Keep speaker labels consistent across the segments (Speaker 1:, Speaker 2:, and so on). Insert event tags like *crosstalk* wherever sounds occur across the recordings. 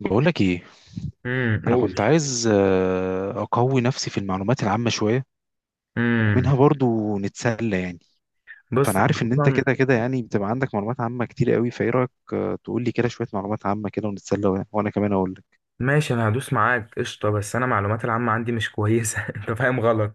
Speaker 1: بقولك ايه؟ انا كنت
Speaker 2: قول.
Speaker 1: عايز اقوي نفسي في المعلومات العامه شويه،
Speaker 2: امم
Speaker 1: ومنها برضو نتسلى يعني. فانا
Speaker 2: بص، أنا
Speaker 1: عارف ان انت
Speaker 2: اصلا.
Speaker 1: كده كده يعني بتبقى عندك معلومات عامه كتير قوي، فايه رايك تقول لي كده شويه معلومات عامه كده ونتسلى وانا كمان اقول لك.
Speaker 2: ماشي، انا هدوس معاك قشطه، بس انا معلومات العامه عندي مش كويسه *laughs* انت فاهم غلط.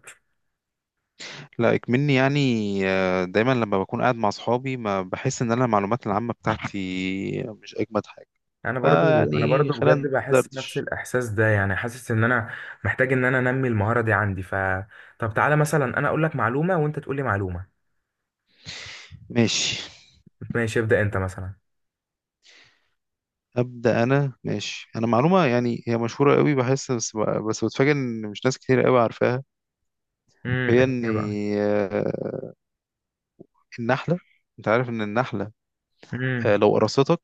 Speaker 1: لا اكمني يعني. دايما لما بكون قاعد مع اصحابي ما بحس ان انا المعلومات العامه بتاعتي مش اجمد حاجه.
Speaker 2: انا برضو
Speaker 1: فيعني
Speaker 2: بجد
Speaker 1: خلينا
Speaker 2: بحس نفس
Speaker 1: ندردش.
Speaker 2: الاحساس ده، يعني حاسس ان انا محتاج ان انا انمي المهاره دي عندي ف طب تعالى مثلا انا اقول لك معلومه وانت تقول لي معلومه.
Speaker 1: ماشي.
Speaker 2: ماشي، ابدا، انت مثلا.
Speaker 1: أبدأ أنا. ماشي. أنا معلومة يعني، هي مشهورة قوي بحس، بس بتفاجئ إن مش ناس كتير قوي عارفاها.
Speaker 2: ايه
Speaker 1: هي إن
Speaker 2: هي بقى؟
Speaker 1: آه، النحلة، أنت عارف إن النحلة،
Speaker 2: امم.
Speaker 1: لو قرصتك،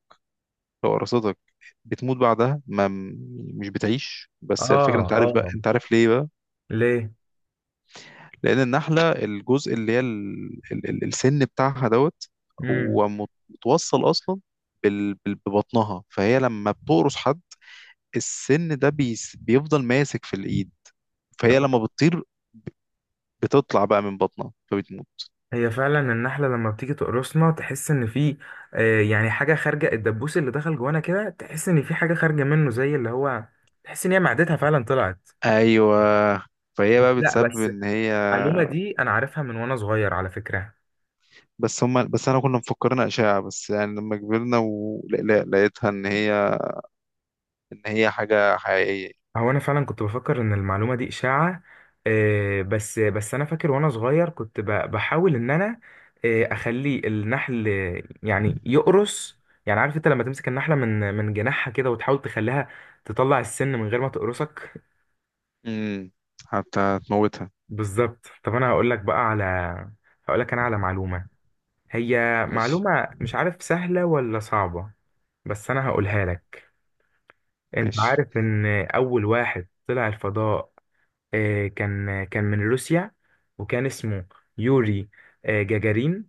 Speaker 1: لو قرصتك بتموت بعدها ما، مش بتعيش. بس الفكرة،
Speaker 2: اه،
Speaker 1: أنت عارف بقى،
Speaker 2: اه.
Speaker 1: أنت عارف ليه بقى؟
Speaker 2: ليه؟
Speaker 1: لأن النحلة الجزء اللي هي السن بتاعها دوت،
Speaker 2: امم.
Speaker 1: هو متوصل أصلا ببطنها. فهي لما بتقرص حد، السن ده بيفضل ماسك في الإيد، فهي لما بتطير بتطلع بقى من بطنها فبتموت.
Speaker 2: هي فعلا النحلة لما بتيجي تقرصنا تحس ان في يعني حاجة خارجة، الدبوس اللي دخل جوانا كده تحس ان في حاجة خارجة منه، زي اللي هو تحس ان هي معدتها فعلا طلعت.
Speaker 1: ايوه. فهي بقى
Speaker 2: لا،
Speaker 1: بتسبب
Speaker 2: بس
Speaker 1: ان هي.
Speaker 2: المعلومة دي انا عارفها من وانا صغير على فكرة.
Speaker 1: بس انا كنا مفكرين اشاعه، بس يعني لما كبرنا ولقيتها ان هي، ان هي حاجه حقيقيه.
Speaker 2: هو انا فعلا كنت بفكر ان المعلومة دي اشاعة، بس انا فاكر وانا صغير كنت بحاول ان انا اخلي النحل، يعني يقرص. يعني عارف انت لما تمسك النحلة من جناحها كده وتحاول تخليها تطلع السن من غير ما تقرصك.
Speaker 1: امم. حتى هتموتها.
Speaker 2: بالظبط. طب انا هقول لك بقى على، هقول لك انا على معلومة. هي
Speaker 1: ماشي.
Speaker 2: معلومة مش عارف سهلة ولا صعبة، بس انا هقولها لك. انت
Speaker 1: ماشي.
Speaker 2: عارف ان اول واحد طلع الفضاء كان من روسيا، وكان اسمه يوري جاجارين.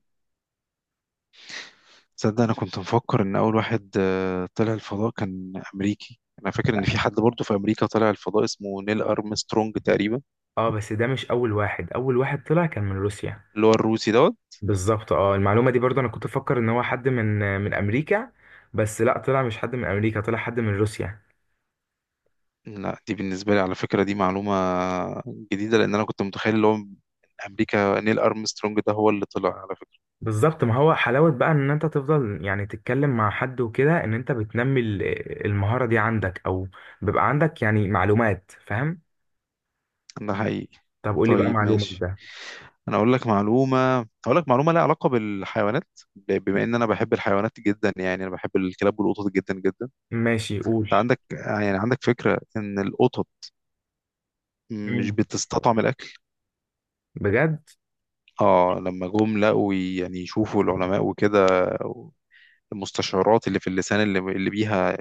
Speaker 1: تصدق انا كنت مفكر ان اول واحد طلع الفضاء كان امريكي، انا فاكر ان في
Speaker 2: لا.
Speaker 1: حد برضه في امريكا طلع الفضاء اسمه نيل ارمسترونج تقريبا.
Speaker 2: اه، بس ده مش اول واحد، اول واحد طلع كان من روسيا.
Speaker 1: اللي هو الروسي دوت.
Speaker 2: بالظبط. اه، المعلومة دي برضه انا كنت افكر ان هو حد من امريكا، بس لا، طلع مش حد من امريكا، طلع حد من روسيا.
Speaker 1: لا، دي بالنسبة لي على فكرة دي معلومة جديدة، لأن أنا كنت متخيل اللي هو من أمريكا نيل أرمسترونج ده هو اللي طلع على فكرة.
Speaker 2: بالظبط. ما هو حلاوة بقى ان انت تفضل يعني تتكلم مع حد وكده، ان انت بتنمي المهارة دي عندك، او بيبقى عندك يعني معلومات، فاهم؟
Speaker 1: ده حقيقي.
Speaker 2: طب قول لي بقى،
Speaker 1: طيب
Speaker 2: معلومة
Speaker 1: ماشي.
Speaker 2: ده.
Speaker 1: أنا أقول لك معلومة. أقول لك معلومة لها علاقة بالحيوانات، بما إن أنا بحب الحيوانات جدا، يعني أنا بحب الكلاب والقطط جدا جدا.
Speaker 2: ماشي، قول.
Speaker 1: أنت عندك يعني عندك فكرة إن القطط مش
Speaker 2: مم.
Speaker 1: بتستطعم الأكل؟
Speaker 2: بجد؟
Speaker 1: آه لما جم لقوا يعني، يشوفوا العلماء وكده، المستشعرات اللي في اللسان، اللي بيها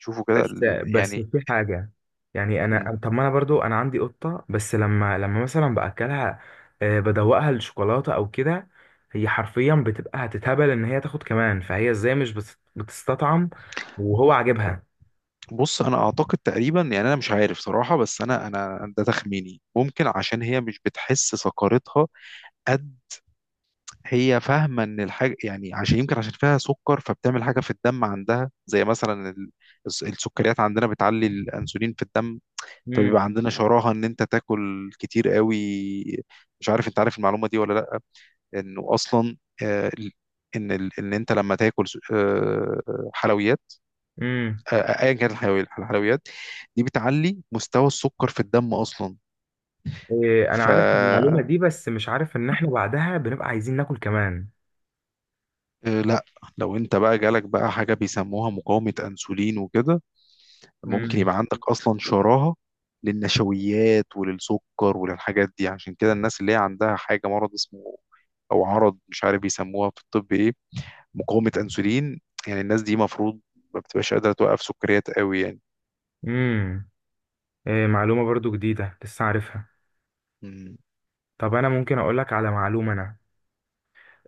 Speaker 1: يشوفوا كده
Speaker 2: بس بس
Speaker 1: يعني.
Speaker 2: في حاجة، يعني انا، طب ما انا برضو انا عندي قطة، بس لما مثلا باكلها بدوقها الشوكولاتة او كده، هي حرفيا بتبقى هتتهبل ان هي تاخد كمان، فهي ازاي مش بتستطعم وهو عاجبها؟
Speaker 1: بص انا اعتقد تقريبا، يعني انا مش عارف صراحه، بس انا ده تخميني، ممكن عشان هي مش بتحس سكرتها قد. هي فاهمه ان الحاجه يعني، عشان يمكن عشان فيها سكر فبتعمل حاجه في الدم عندها زي مثلا السكريات عندنا بتعلي الانسولين في الدم، فبيبقى عندنا شراهه ان انت تاكل كتير قوي. مش عارف انت عارف المعلومه دي ولا لا؟ انه اصلا آه، ال- ان ان انت لما تاكل حلويات،
Speaker 2: مم.
Speaker 1: آه، ايا كانت الحلويات دي بتعلي مستوى السكر في الدم اصلا.
Speaker 2: إيه، انا
Speaker 1: ف
Speaker 2: عارف المعلومه
Speaker 1: آه،
Speaker 2: دي، بس مش عارف ان احنا بعدها بنبقى عايزين ناكل كمان.
Speaker 1: لا، لو انت بقى جالك بقى حاجه بيسموها مقاومه انسولين وكده، ممكن
Speaker 2: امم.
Speaker 1: يبقى عندك اصلا شراهه للنشويات وللسكر وللحاجات دي. عشان كده الناس اللي هي عندها حاجه، مرض اسمه، او عرض مش عارف بيسموها في الطب ايه، مقاومه انسولين، يعني الناس دي مفروض ما بتبقاش قادره توقف سكريات قوي يعني.
Speaker 2: امم. إيه، معلومه برضو جديده لسه عارفها.
Speaker 1: مم.
Speaker 2: طب انا ممكن اقول لك على معلومه انا،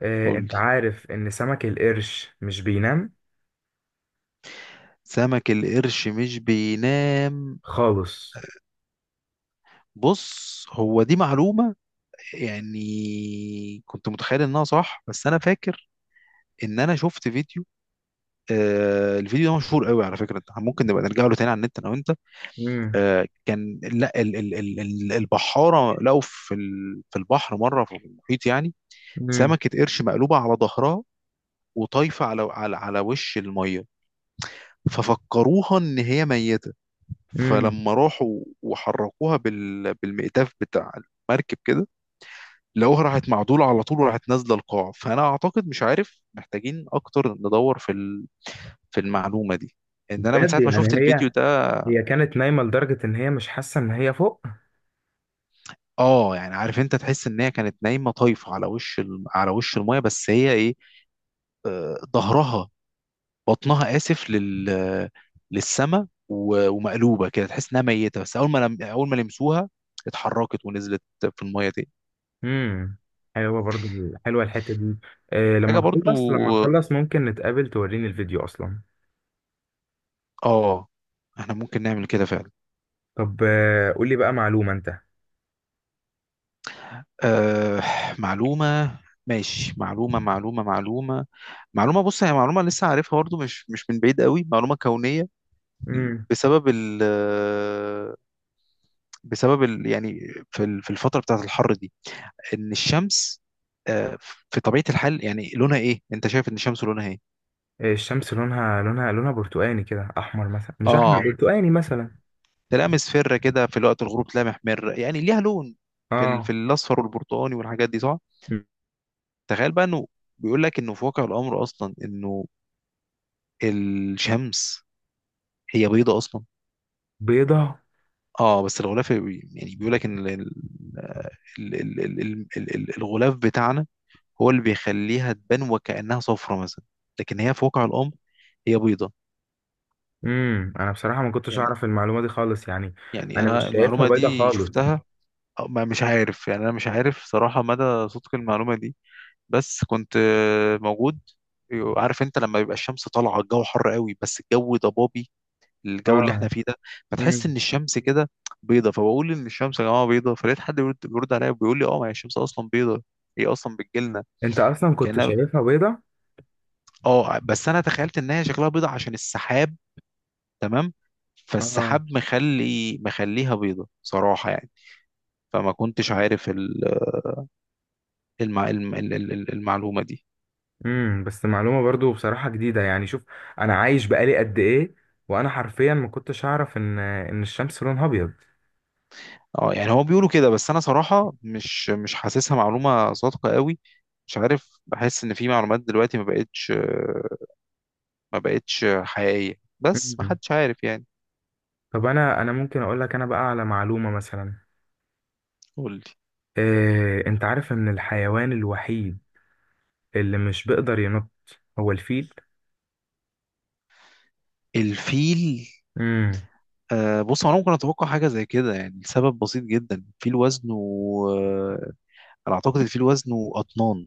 Speaker 2: إيه،
Speaker 1: قولي.
Speaker 2: انت عارف ان سمك القرش مش بينام
Speaker 1: سمك القرش مش بينام؟
Speaker 2: خالص؟
Speaker 1: بص هو دي معلومة يعني كنت متخيل انها صح، بس انا فاكر ان انا شفت فيديو، آه الفيديو ده مشهور قوي على فكرة، ممكن نبقى نرجع له تاني على النت انا وانت.
Speaker 2: امم.
Speaker 1: آه كان، لا ال ال ال ال البحارة لقوا في ال، في البحر مرة في المحيط يعني،
Speaker 2: امم.
Speaker 1: سمكة قرش مقلوبة على ظهرها وطايفة على وش المية، ففكروها ان هي ميتة.
Speaker 2: امم.
Speaker 1: فلما راحوا وحركوها بالمئتاف بتاع المركب كده، لقوها راحت معدولة على طول وراحت نازلة القاع. فأنا أعتقد مش عارف محتاجين أكتر ندور في في المعلومة دي، إن أنا من
Speaker 2: بجد؟
Speaker 1: ساعة ما شفت
Speaker 2: يعني
Speaker 1: الفيديو
Speaker 2: هي،
Speaker 1: ده.
Speaker 2: هي كانت نايمه لدرجه ان هي مش حاسه ان هي فوق؟
Speaker 1: آه يعني، عارف أنت تحس إن هي كانت نايمة طايفة على وش ال، على وش المية، بس هي إيه، ظهرها، بطنها آسف، للسما، و... ومقلوبة كده تحس إنها ميتة. بس أول ما لمسوها اتحركت ونزلت في المية تاني.
Speaker 2: امم. حلوه برضو، حلوه الحته دي. إيه، لما
Speaker 1: حاجة برضو
Speaker 2: نخلص، لما نخلص ممكن نتقابل توريني الفيديو اصلا.
Speaker 1: آه، إحنا ممكن نعمل كده فعلا.
Speaker 2: طب قولي بقى معلومه انت.
Speaker 1: أه معلومة. ماشي معلومة. بص هي معلومة لسه عارفها برضه، مش من بعيد قوي. معلومة كونية
Speaker 2: امم
Speaker 1: بسبب ال، يعني في في الفترة بتاعة الحر دي، إن الشمس آه، في طبيعة الحال يعني لونها إيه؟ أنت شايف إن الشمس لونها إيه؟
Speaker 2: الشمس لونها، لونها، لونها برتقاني كده، احمر مثلا، مش احمر، مم،
Speaker 1: آه
Speaker 2: برتقاني مثلا.
Speaker 1: تلاقيها مصفرة كده، في وقت الغروب تلاقيها محمرة، يعني ليها لون في ال، في
Speaker 2: اه.
Speaker 1: الأصفر والبرتقاني والحاجات دي صح؟ تخيل بقى إنه بيقول لك إنه في واقع الأمر أصلا إنه الشمس هي بيضة أصلا.
Speaker 2: بيضة؟
Speaker 1: اه بس الغلاف يعني بيقول لك ان ال- الغلاف بتاعنا هو اللي بيخليها تبان وكأنها صفرة مثلا، لكن هي في واقع الأمر هي بيضة.
Speaker 2: انا بصراحة ما كنتش
Speaker 1: يعني
Speaker 2: اعرف المعلومة دي خالص يعني. انا
Speaker 1: أنا
Speaker 2: مش شايفها
Speaker 1: المعلومة
Speaker 2: بيضة
Speaker 1: دي
Speaker 2: خالص.
Speaker 1: شفتها، أو مش عارف يعني، أنا مش عارف صراحة مدى صدق المعلومة دي. بس كنت موجود. عارف انت لما بيبقى الشمس طالعة، الجو حر قوي بس الجو ضبابي، الجو اللي احنا
Speaker 2: اه.
Speaker 1: فيه ده، فتحس ان
Speaker 2: امم.
Speaker 1: الشمس كده بيضه. فبقول ان الشمس يا جماعه بيضه، فلقيت حد بيرد عليا وبيقول لي اه، ما هي الشمس اصلا بيضه، هي اصلا بتجيلنا
Speaker 2: انت اصلا كنت
Speaker 1: كانها.
Speaker 2: شايفها بيضة؟
Speaker 1: اه بس انا تخيلت ان هي شكلها بيضه عشان السحاب، تمام.
Speaker 2: اه.
Speaker 1: فالسحاب مخلي بيضه صراحه يعني. فما كنتش عارف المعلومه دي.
Speaker 2: بس معلومة برضو بصراحة جديدة. يعني شوف، انا عايش بقالي قد ايه وانا حرفيا ما كنتش اعرف ان الشمس لونها ابيض.
Speaker 1: اه يعني هو بيقولوا كده، بس انا صراحه مش، مش حاسسها معلومه صادقه قوي. مش عارف، بحس ان في معلومات دلوقتي ما بقتش، حقيقية، بس ما
Speaker 2: امم.
Speaker 1: حدش عارف يعني.
Speaker 2: طب انا ممكن اقول لك انا بقى على معلومة مثلا.
Speaker 1: قول لي.
Speaker 2: إيه، انت عارف ان الحيوان الوحيد اللي مش بيقدر ينط هو الفيل.
Speaker 1: الفيل؟
Speaker 2: امم
Speaker 1: آه بص انا ممكن اتوقع حاجه زي كده، يعني السبب بسيط جدا، الفيل وزنه آه انا اعتقد الفيل وزنه اطنان.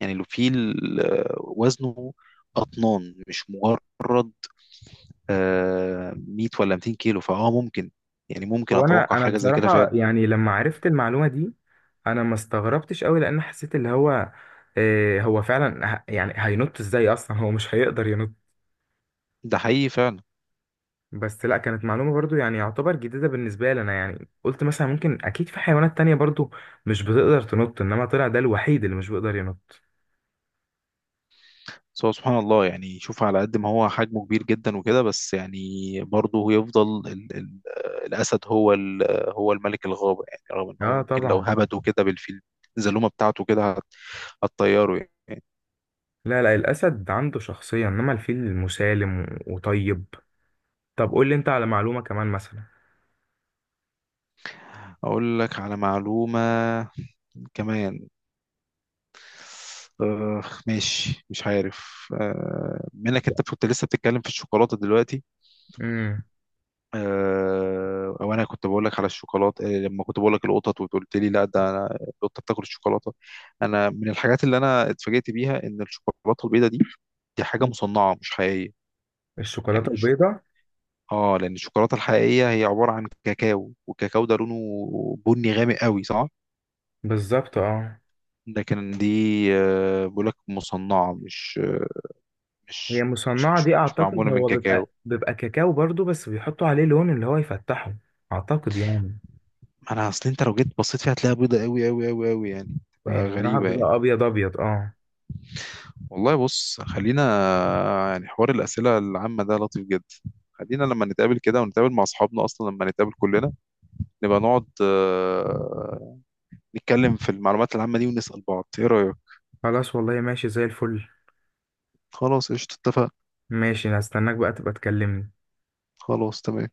Speaker 1: يعني الفيل وزنه اطنان، مش مجرد 100 ولا 200 كيلو، فاه ممكن. يعني ممكن
Speaker 2: هو انا
Speaker 1: اتوقع
Speaker 2: انا
Speaker 1: حاجه زي كده
Speaker 2: بصراحه،
Speaker 1: فعلا.
Speaker 2: يعني لما عرفت المعلومه دي انا ما استغربتش قوي، لان حسيت اللي هو إيه، هو فعلا يعني هينط ازاي اصلا؟ هو مش هيقدر ينط.
Speaker 1: ده حقيقي فعلا.
Speaker 2: بس لا، كانت معلومه برضو يعني يعتبر جديده بالنسبه لي انا، يعني قلت مثلا ممكن اكيد في حيوانات تانية برضو مش بتقدر تنط، انما طلع ده الوحيد اللي مش بيقدر ينط.
Speaker 1: بس هو سبحان الله يعني، شوف على قد ما هو حجمه كبير جدا وكده، بس يعني برضه يفضل ال ال الأسد هو هو الملك الغابة. يعني رغم إن هو
Speaker 2: اه،
Speaker 1: ممكن لو
Speaker 2: طبعا.
Speaker 1: هبده كده بالفيل، الزلومة بتاعته كده هتطيره يعني.
Speaker 2: لا، لا، الاسد عنده شخصيه، انما الفيل مسالم وطيب. طب قول لي انت على معلومه كمان مثلا.
Speaker 1: أقول لك على معلومة كمان. آه ماشي، مش عارف آه منك، أنت كنت لسه بتتكلم في الشوكولاتة دلوقتي
Speaker 2: امم
Speaker 1: وانا كنت بقول لك على الشوكولاته. لما كنت بقول لك القطط وقلت لي لا، ده أنا القطه بتاكل الشوكولاته. انا من الحاجات اللي انا اتفاجئت بيها ان الشوكولاته البيضاء دي، دي حاجه مصنعه مش حقيقيه.
Speaker 2: الشوكولاتة
Speaker 1: يعني
Speaker 2: البيضاء؟
Speaker 1: اه لان الشوكولاته الحقيقيه هي عباره عن كاكاو، والكاكاو ده لونه بني غامق قوي صح؟
Speaker 2: بالظبط، اه.
Speaker 1: لكن دي بقول لك مصنعه،
Speaker 2: هي
Speaker 1: مش
Speaker 2: مصنعة دي،
Speaker 1: مش
Speaker 2: أعتقد
Speaker 1: معموله من
Speaker 2: هو بيبقى
Speaker 1: كاكاو.
Speaker 2: بيبقى كاكاو برضو، بس بيحطوا عليه لون اللي هو يفتحه، أعتقد يعني.
Speaker 1: انا اصل انت لو جيت بصيت فيها هتلاقيها بيضاء قوي قوي قوي قوي يعني،
Speaker 2: هي
Speaker 1: تبقى
Speaker 2: بصراحة
Speaker 1: غريبه يعني.
Speaker 2: بتبقى أبيض أبيض، اه.
Speaker 1: والله بص خلينا، يعني حوار الأسئلة العامة ده لطيف جدا. خلينا لما نتقابل كده ونتقابل مع أصحابنا، أصلا لما نتقابل كلنا نبقى نقعد نتكلم في المعلومات العامة دي ونسأل بعض، إيه رأيك؟
Speaker 2: خلاص، والله ماشي زي الفل.
Speaker 1: خلاص قشطة اتفقنا.
Speaker 2: ماشي، هستناك بقى تبقى تكلمني.
Speaker 1: خلاص تمام.